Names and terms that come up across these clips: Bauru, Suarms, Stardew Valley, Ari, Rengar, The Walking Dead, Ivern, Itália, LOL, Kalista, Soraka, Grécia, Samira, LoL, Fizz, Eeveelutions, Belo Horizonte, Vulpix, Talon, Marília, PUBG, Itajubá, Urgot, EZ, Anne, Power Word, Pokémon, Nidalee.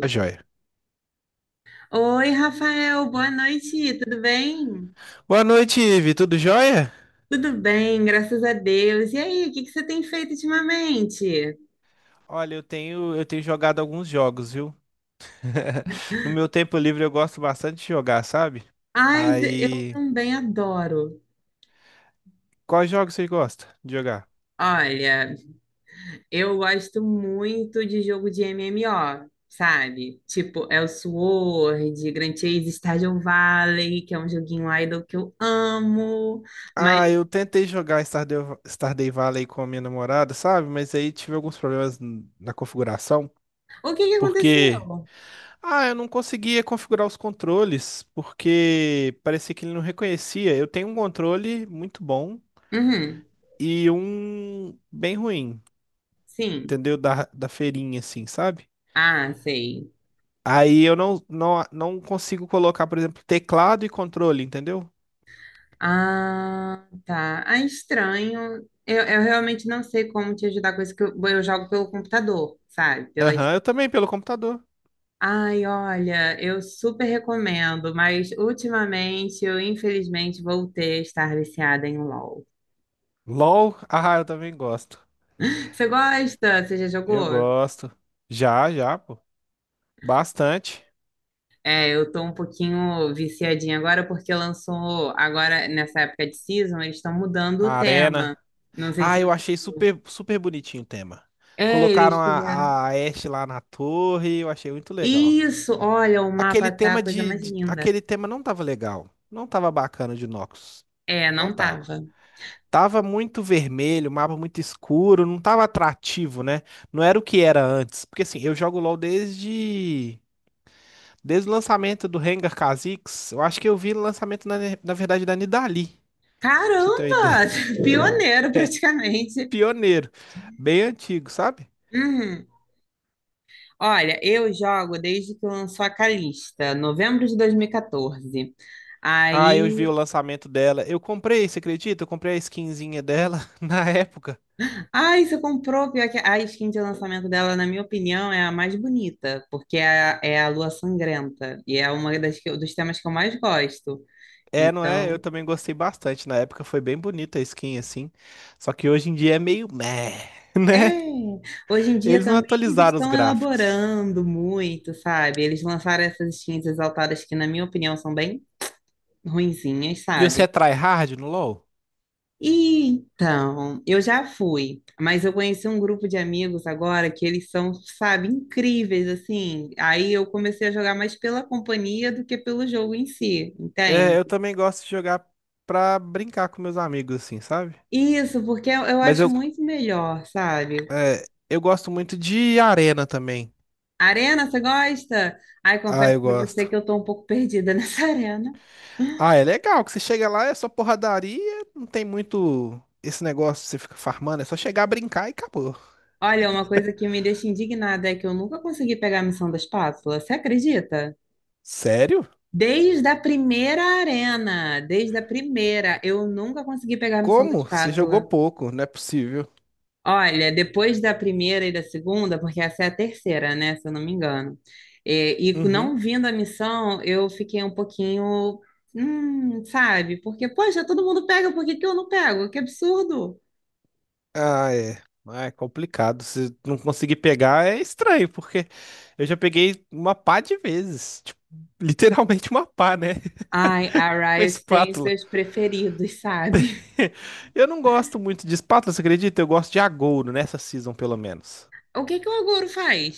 Tá joia. Oi, Rafael, boa noite, tudo bem? Boa noite, Ivi. Tudo jóia? Tudo bem, graças a Deus. E aí, o que que você tem feito ultimamente? Olha, eu tenho jogado alguns jogos, viu? No meu tempo livre eu gosto bastante de jogar, sabe? Ai, Zé, eu Aí, também adoro. quais jogos você gosta de jogar? Olha, eu gosto muito de jogo de MMO, sabe? Tipo Elsword, Grand Chase, Stardew Valley, que é um joguinho idle que eu amo. Mas Ah, eu tentei jogar Stardew Valley com a minha namorada, sabe? Mas aí tive alguns problemas na configuração, o que que aconteceu? porque ah, eu não conseguia configurar os controles, porque parecia que ele não reconhecia. Eu tenho um controle muito bom Uhum, e um bem ruim. sim. Entendeu? Da feirinha, assim, sabe? Ah, sei. Aí eu não consigo colocar, por exemplo, teclado e controle, entendeu? Ah, tá. Ah, estranho. Eu realmente não sei como te ajudar com isso, que eu jogo pelo computador, sabe? Pelas... Aham, eu também, pelo computador. Ai, olha, eu super recomendo, mas ultimamente eu infelizmente voltei a estar viciada em LOL. LOL, ah, eu também gosto. Você gosta? Você já Eu jogou? gosto. Já, já, pô. Bastante. É, eu tô um pouquinho viciadinha agora porque lançou, agora nessa época de season, eles estão mudando o A arena. tema. Não sei Ah, se eu você achei viu. super, super bonitinho o tema. É, Colocaram eles fizeram. A Ashe lá na torre, eu achei muito legal. Isso, olha, o mapa Aquele tá a tema coisa mais linda. Aquele tema não tava legal. Não tava bacana de Noxus. É, Não não tava. tava. Tava muito vermelho, o mapa muito escuro, não tava atrativo, né? Não era o que era antes. Porque assim, eu jogo LoL desde o lançamento do Rengar Kha'Zix. Eu acho que eu vi o lançamento na verdade da Nidalee, pra você ter uma Caramba! ideia. Pioneiro É, praticamente. Pioneiro, bem antigo, sabe? Uhum. Olha, eu jogo desde que lançou a Calista, novembro de 2014. Ah, eu vi Aí, o lançamento dela. Eu comprei, você acredita? Eu comprei a skinzinha dela na época. ai, você comprou, pior que a skin de lançamento dela, na minha opinião, é a mais bonita, porque é a Lua Sangrenta, e é uma das que eu- dos temas que eu mais gosto. É, não é? Eu Então, também gostei bastante. Na época foi bem bonita a skin, assim. Só que hoje em dia é meio meh, é, né? hoje em dia Eles não também eles atualizaram os estão gráficos. elaborando muito, sabe? Eles lançaram essas skins exaltadas que, na minha opinião, são bem ruinzinhas, E você é sabe? tryhard no LoL? Então, eu já fui, mas eu conheci um grupo de amigos agora que eles são, sabe, incríveis, assim. Aí eu comecei a jogar mais pela companhia do que pelo jogo em si, É, entende? eu também gosto de jogar pra brincar com meus amigos, assim, sabe? Isso, porque eu Mas acho eu, muito melhor, sabe? é, eu gosto muito de arena também. Arena, você gosta? Ai, Ah, confesso eu pra você gosto. que eu tô um pouco perdida nessa arena. Ah, é legal que você chega lá, é só porradaria, não tem muito esse negócio, você fica farmando, é só chegar a brincar e acabou. Olha, uma coisa que me deixa indignada é que eu nunca consegui pegar a missão da espátula. Você acredita? Sério? Desde a primeira arena, desde a primeira, eu nunca consegui pegar a missão da Como? Você jogou espátula. pouco, não é possível. Olha, depois da primeira e da segunda, porque essa é a terceira, né? Se eu não me engano. É. E, não Uhum. vindo a missão, eu fiquei um pouquinho, sabe? Porque, poxa, todo mundo pega, por que que eu não pego? Que absurdo! Ah, é. Ah, é complicado. Se não conseguir pegar, é estranho, porque eu já peguei uma pá de vezes. Tipo, literalmente uma pá, né? Ai, a Uma Riot tem espátula. seus preferidos, sabe? Eu não gosto muito de espátula, você acredita? Eu gosto de agouro, nessa season, pelo menos. O que que o Aguro faz?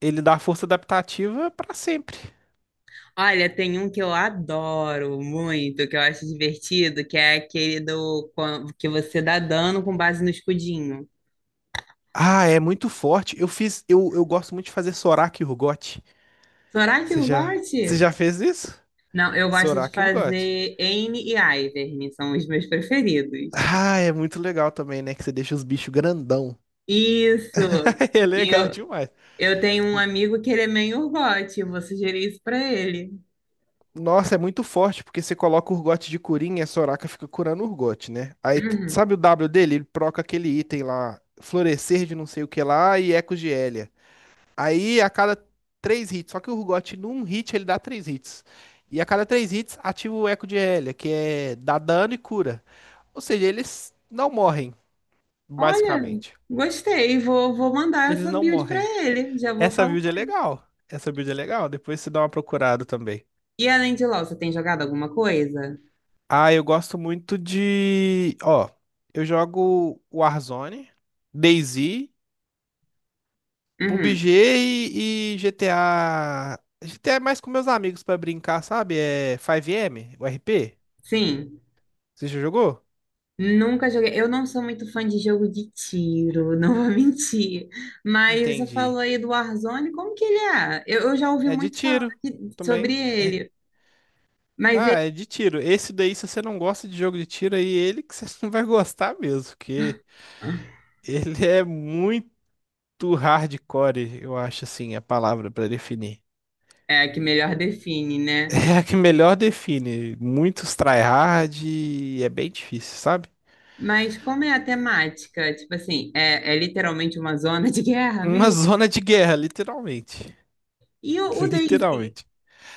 Ele dá força adaptativa pra sempre. Olha, tem um que eu adoro muito, que eu acho divertido, que é aquele do quan- que você dá dano com base no escudinho. Ah, é muito forte. Eu fiz. Eu gosto muito de fazer Sorak e Urgot. Será que eu Você goste? já fez isso? Não, eu gosto de Sorak e Urgot. fazer Anne e Ivern, são os meus preferidos. Ah, é muito legal também, né? Que você deixa os bichos grandão. Isso! É E legal eu, demais. eu tenho um amigo que ele é meio Urgot, eu vou sugerir isso pra ele. Nossa, é muito forte, porque você coloca o Urgot de Curinha, e a Soraka fica curando o Urgot, né? Aí, sabe o W dele? Ele proca aquele item lá, Florescer de não sei o que lá e Ecos de Hélia. Aí, a cada três hits, só que o Urgot num hit ele dá três hits. E a cada três hits, ativa o Eco de Hélia, que é dá dano e cura. Ou seja, eles não morrem, Uhum. Olha, basicamente. gostei, vou mandar Eles essa não build pra morrem. ele, já vou Essa falar build com é ele. legal. Essa build é legal. Depois você dá uma procurada também. E além de LoL, você tem jogado alguma coisa? Ah, eu gosto muito de. Ó, eu jogo Warzone, DayZ, Uhum. PUBG e GTA. GTA é mais com meus amigos pra brincar, sabe? É 5M, o RP. Sim. Você já jogou? Nunca joguei. Eu não sou muito fã de jogo de tiro, não vou mentir. Mas você Entendi. falou aí do Warzone, como que ele é? Eu já ouvi É de muito falar tiro de- também. sobre ele, mas Ah, ele é de tiro. Esse daí, se você não gosta de jogo de tiro, aí ele que você não vai gostar mesmo, porque ele é muito hardcore, eu acho assim a palavra pra definir. é a que melhor define, né? É a que melhor define. Muitos tryhard e é bem difícil, sabe? Mas como é a temática? Tipo assim, é, é literalmente uma zona de guerra Uma mesmo? zona de guerra, literalmente. E o, o DayZ? Literalmente.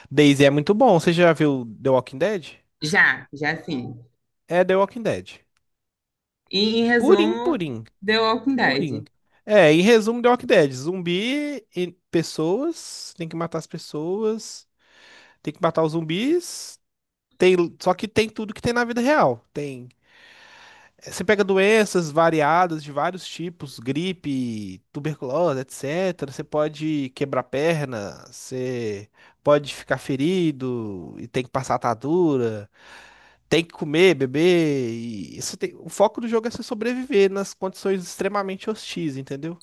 DayZ é muito bom. Você já viu The Walking Dead? Já, já sim. É The Walking Dead. E, em Purim, resumo, purim, The Walking purim. Dead. É, em resumo, The Walking Dead. Zumbi e pessoas. Tem que matar as pessoas. Tem que matar os zumbis. Tem, só que tem tudo que tem na vida real. Tem você pega doenças variadas de vários tipos, gripe, tuberculose, etc. Você pode quebrar perna, você pode ficar ferido e tem que passar atadura, tem que comer, beber. E isso tem... O foco do jogo é você sobreviver nas condições extremamente hostis, entendeu?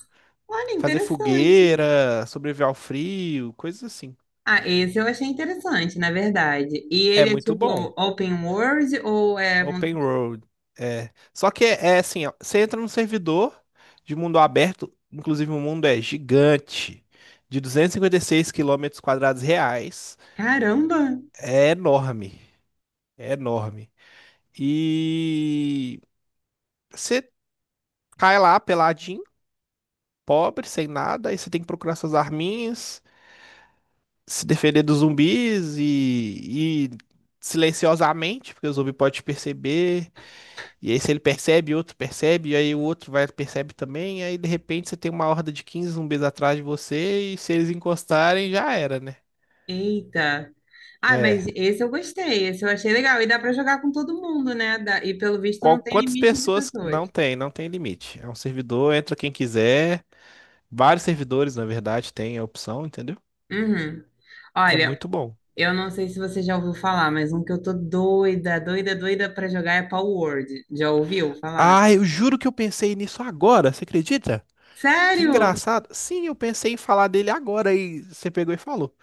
Olha, Fazer interessante. fogueira, sobreviver ao frio, coisas assim. Ah, esse eu achei interessante, na verdade. E É ele é muito tipo bom. open world ou é. Mundo- Open World. É. Só que é, é assim, ó, você entra num servidor de mundo aberto, inclusive o mundo é gigante, de 256 quilômetros quadrados reais. Caramba! É enorme, é enorme. E você cai lá peladinho, pobre, sem nada, aí você tem que procurar suas arminhas, se defender dos zumbis e silenciosamente, porque o zumbi pode te perceber. E aí, se ele percebe, outro percebe, e aí o outro vai percebe também, e aí de repente você tem uma horda de 15 zumbis atrás de você, e se eles encostarem, já era, né? Eita! Ah, É. mas esse eu gostei, esse eu achei legal. E dá pra jogar com todo mundo, né? Dá- E pelo visto não tem quantas limite de pessoas pessoas. não tem, não tem limite. É um servidor, entra quem quiser. Vários servidores, na verdade, tem a opção, entendeu? Uhum. É Olha, muito bom. eu não sei se você já ouviu falar, mas um que eu tô doida, doida, doida pra jogar é Power Word. Já ouviu falar? Ah, eu juro que eu pensei nisso agora, você acredita? Que Sério? engraçado. Sim, eu pensei em falar dele agora e você pegou e falou.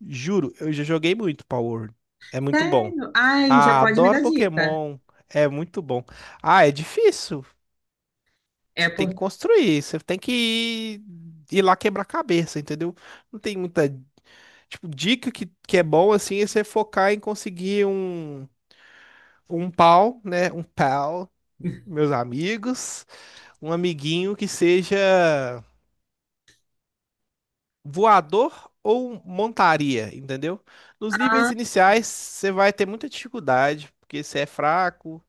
Juro, eu já joguei muito Power. É muito bom. Sério? Ai, já Ah, pode me adoro dar dica. Pokémon. É muito bom. Ah, é difícil. É Você tem que por... construir, você tem que ir, ir lá quebrar cabeça, entendeu? Não tem muita, tipo, dica que é bom assim é você focar em conseguir um pau, né? Um pal, meus amigos, um amiguinho que seja voador ou montaria, entendeu? Nos níveis iniciais, você vai ter muita dificuldade, porque você é fraco.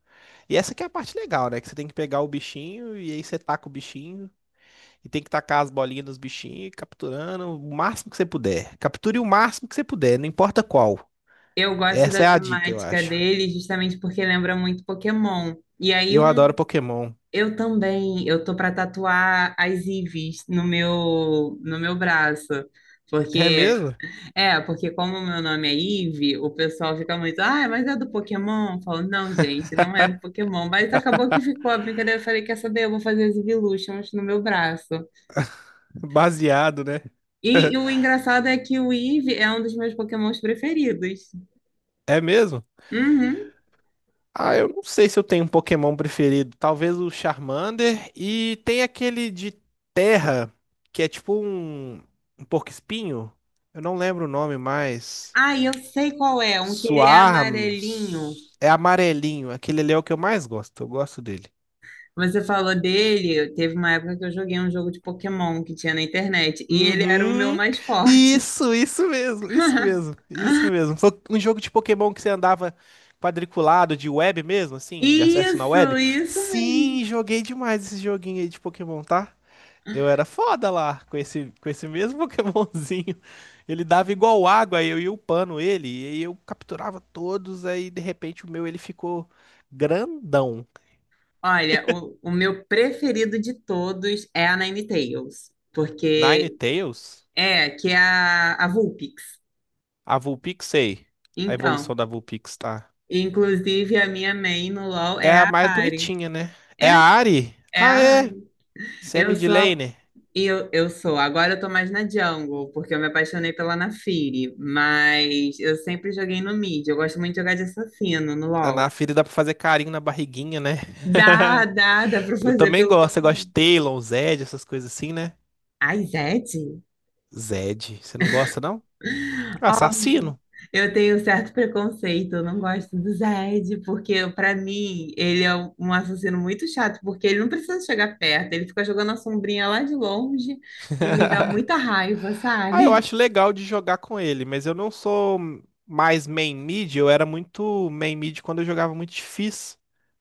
E essa que é a parte legal, né? Que você tem que pegar o bichinho e aí você taca o bichinho e tem que tacar as bolinhas nos bichinhos, capturando o máximo que você puder. Capture o máximo que você puder, não importa qual. Eu gosto Essa da é a dica, eu temática acho. dele justamente porque lembra muito Pokémon. E aí Eu adoro um, Pokémon. eu também, eu tô para tatuar as Eevees no meu braço. É Porque mesmo? é, porque como o meu nome é Eve, o pessoal fica muito, ah, mas é do Pokémon? Eu falo, não, gente, não é do Pokémon. Mas acabou que ficou a brincadeira. Eu falei, quer saber? Eu vou fazer as Eeveelutions no meu braço. Baseado, né? E o engraçado é que o Eve é um dos meus Pokémons preferidos. É mesmo? Uhum. Ah, eu não sei se eu tenho um Pokémon preferido. Talvez o Charmander. E tem aquele de terra, que é tipo um, um porco-espinho. Eu não lembro o nome mais. Ah, eu sei qual é, um que ele é amarelinho. Suarms. É amarelinho. Aquele ali é o que eu mais gosto. Eu gosto dele. Você falou dele, teve uma época que eu joguei um jogo de Pokémon que tinha na internet, e ele era o meu Uhum. mais forte. Isso mesmo, isso mesmo, isso mesmo. Foi um jogo de Pokémon que você andava quadriculado de web mesmo, assim, de acesso na Isso, web. isso mesmo. Sim, joguei demais esse joguinho aí de Pokémon, tá? Eu era foda lá, com esse mesmo Pokémonzinho. Ele dava igual água, eu ia upando ele, e aí eu capturava todos, aí de repente o meu ele ficou grandão. Olha, o meu preferido de todos é a Ninetales, porque Ninetales, é, que é a Vulpix. a Vulpixei. A Então, evolução da Vulpix, tá? inclusive a minha main no LoL É é a a mais Ari. bonitinha, né? É É, a Ari? é Ah, a é. Ari. Você é Eu sou midlaner. eu sou, agora eu tô mais na Jungle, porque eu me apaixonei pela Naafiri, mas eu sempre joguei no mid, eu gosto muito de jogar de assassino no Ah, Na LoL. filha dá pra fazer carinho na barriguinha, né? Dá, dá, dá pra Eu fazer também pelo gosto, eu conteúdo. gosto de Talon, Zed, essas coisas assim, né? Ai, Zed? Zed, você não gosta, não? Ó, Assassino. eu tenho certo preconceito, eu não gosto do Zed, porque pra mim ele é um assassino muito chato, porque ele não precisa chegar perto, ele fica jogando a sombrinha lá de longe e me dá muita raiva, Ah, eu sabe? acho legal de jogar com ele, mas eu não sou mais main mid, eu era muito main mid quando eu jogava muito de Fizz,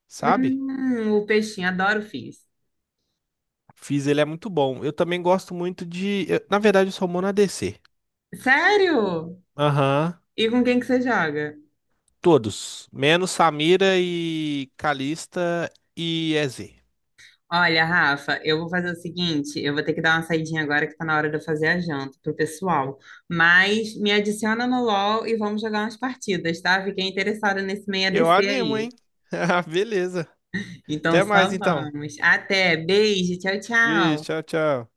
sabe? O peixinho, adoro o Fizz. Fizz ele é muito bom. Eu também gosto muito de, na verdade eu sou mono ADC. Sério? Aham, E com quem que você joga? todos, menos Samira e Kalista e EZ. Olha, Rafa, eu vou fazer o seguinte, eu vou ter que dar uma saidinha agora que tá na hora de eu fazer a janta pro pessoal. Mas me adiciona no LOL e vamos jogar umas partidas, tá? Fiquei interessada nesse meio a Eu ADC animo, aí. hein? Ah, beleza. Então Até mais só então. vamos. Até, beijo, tchau, tchau. Vixe, tchau, tchau.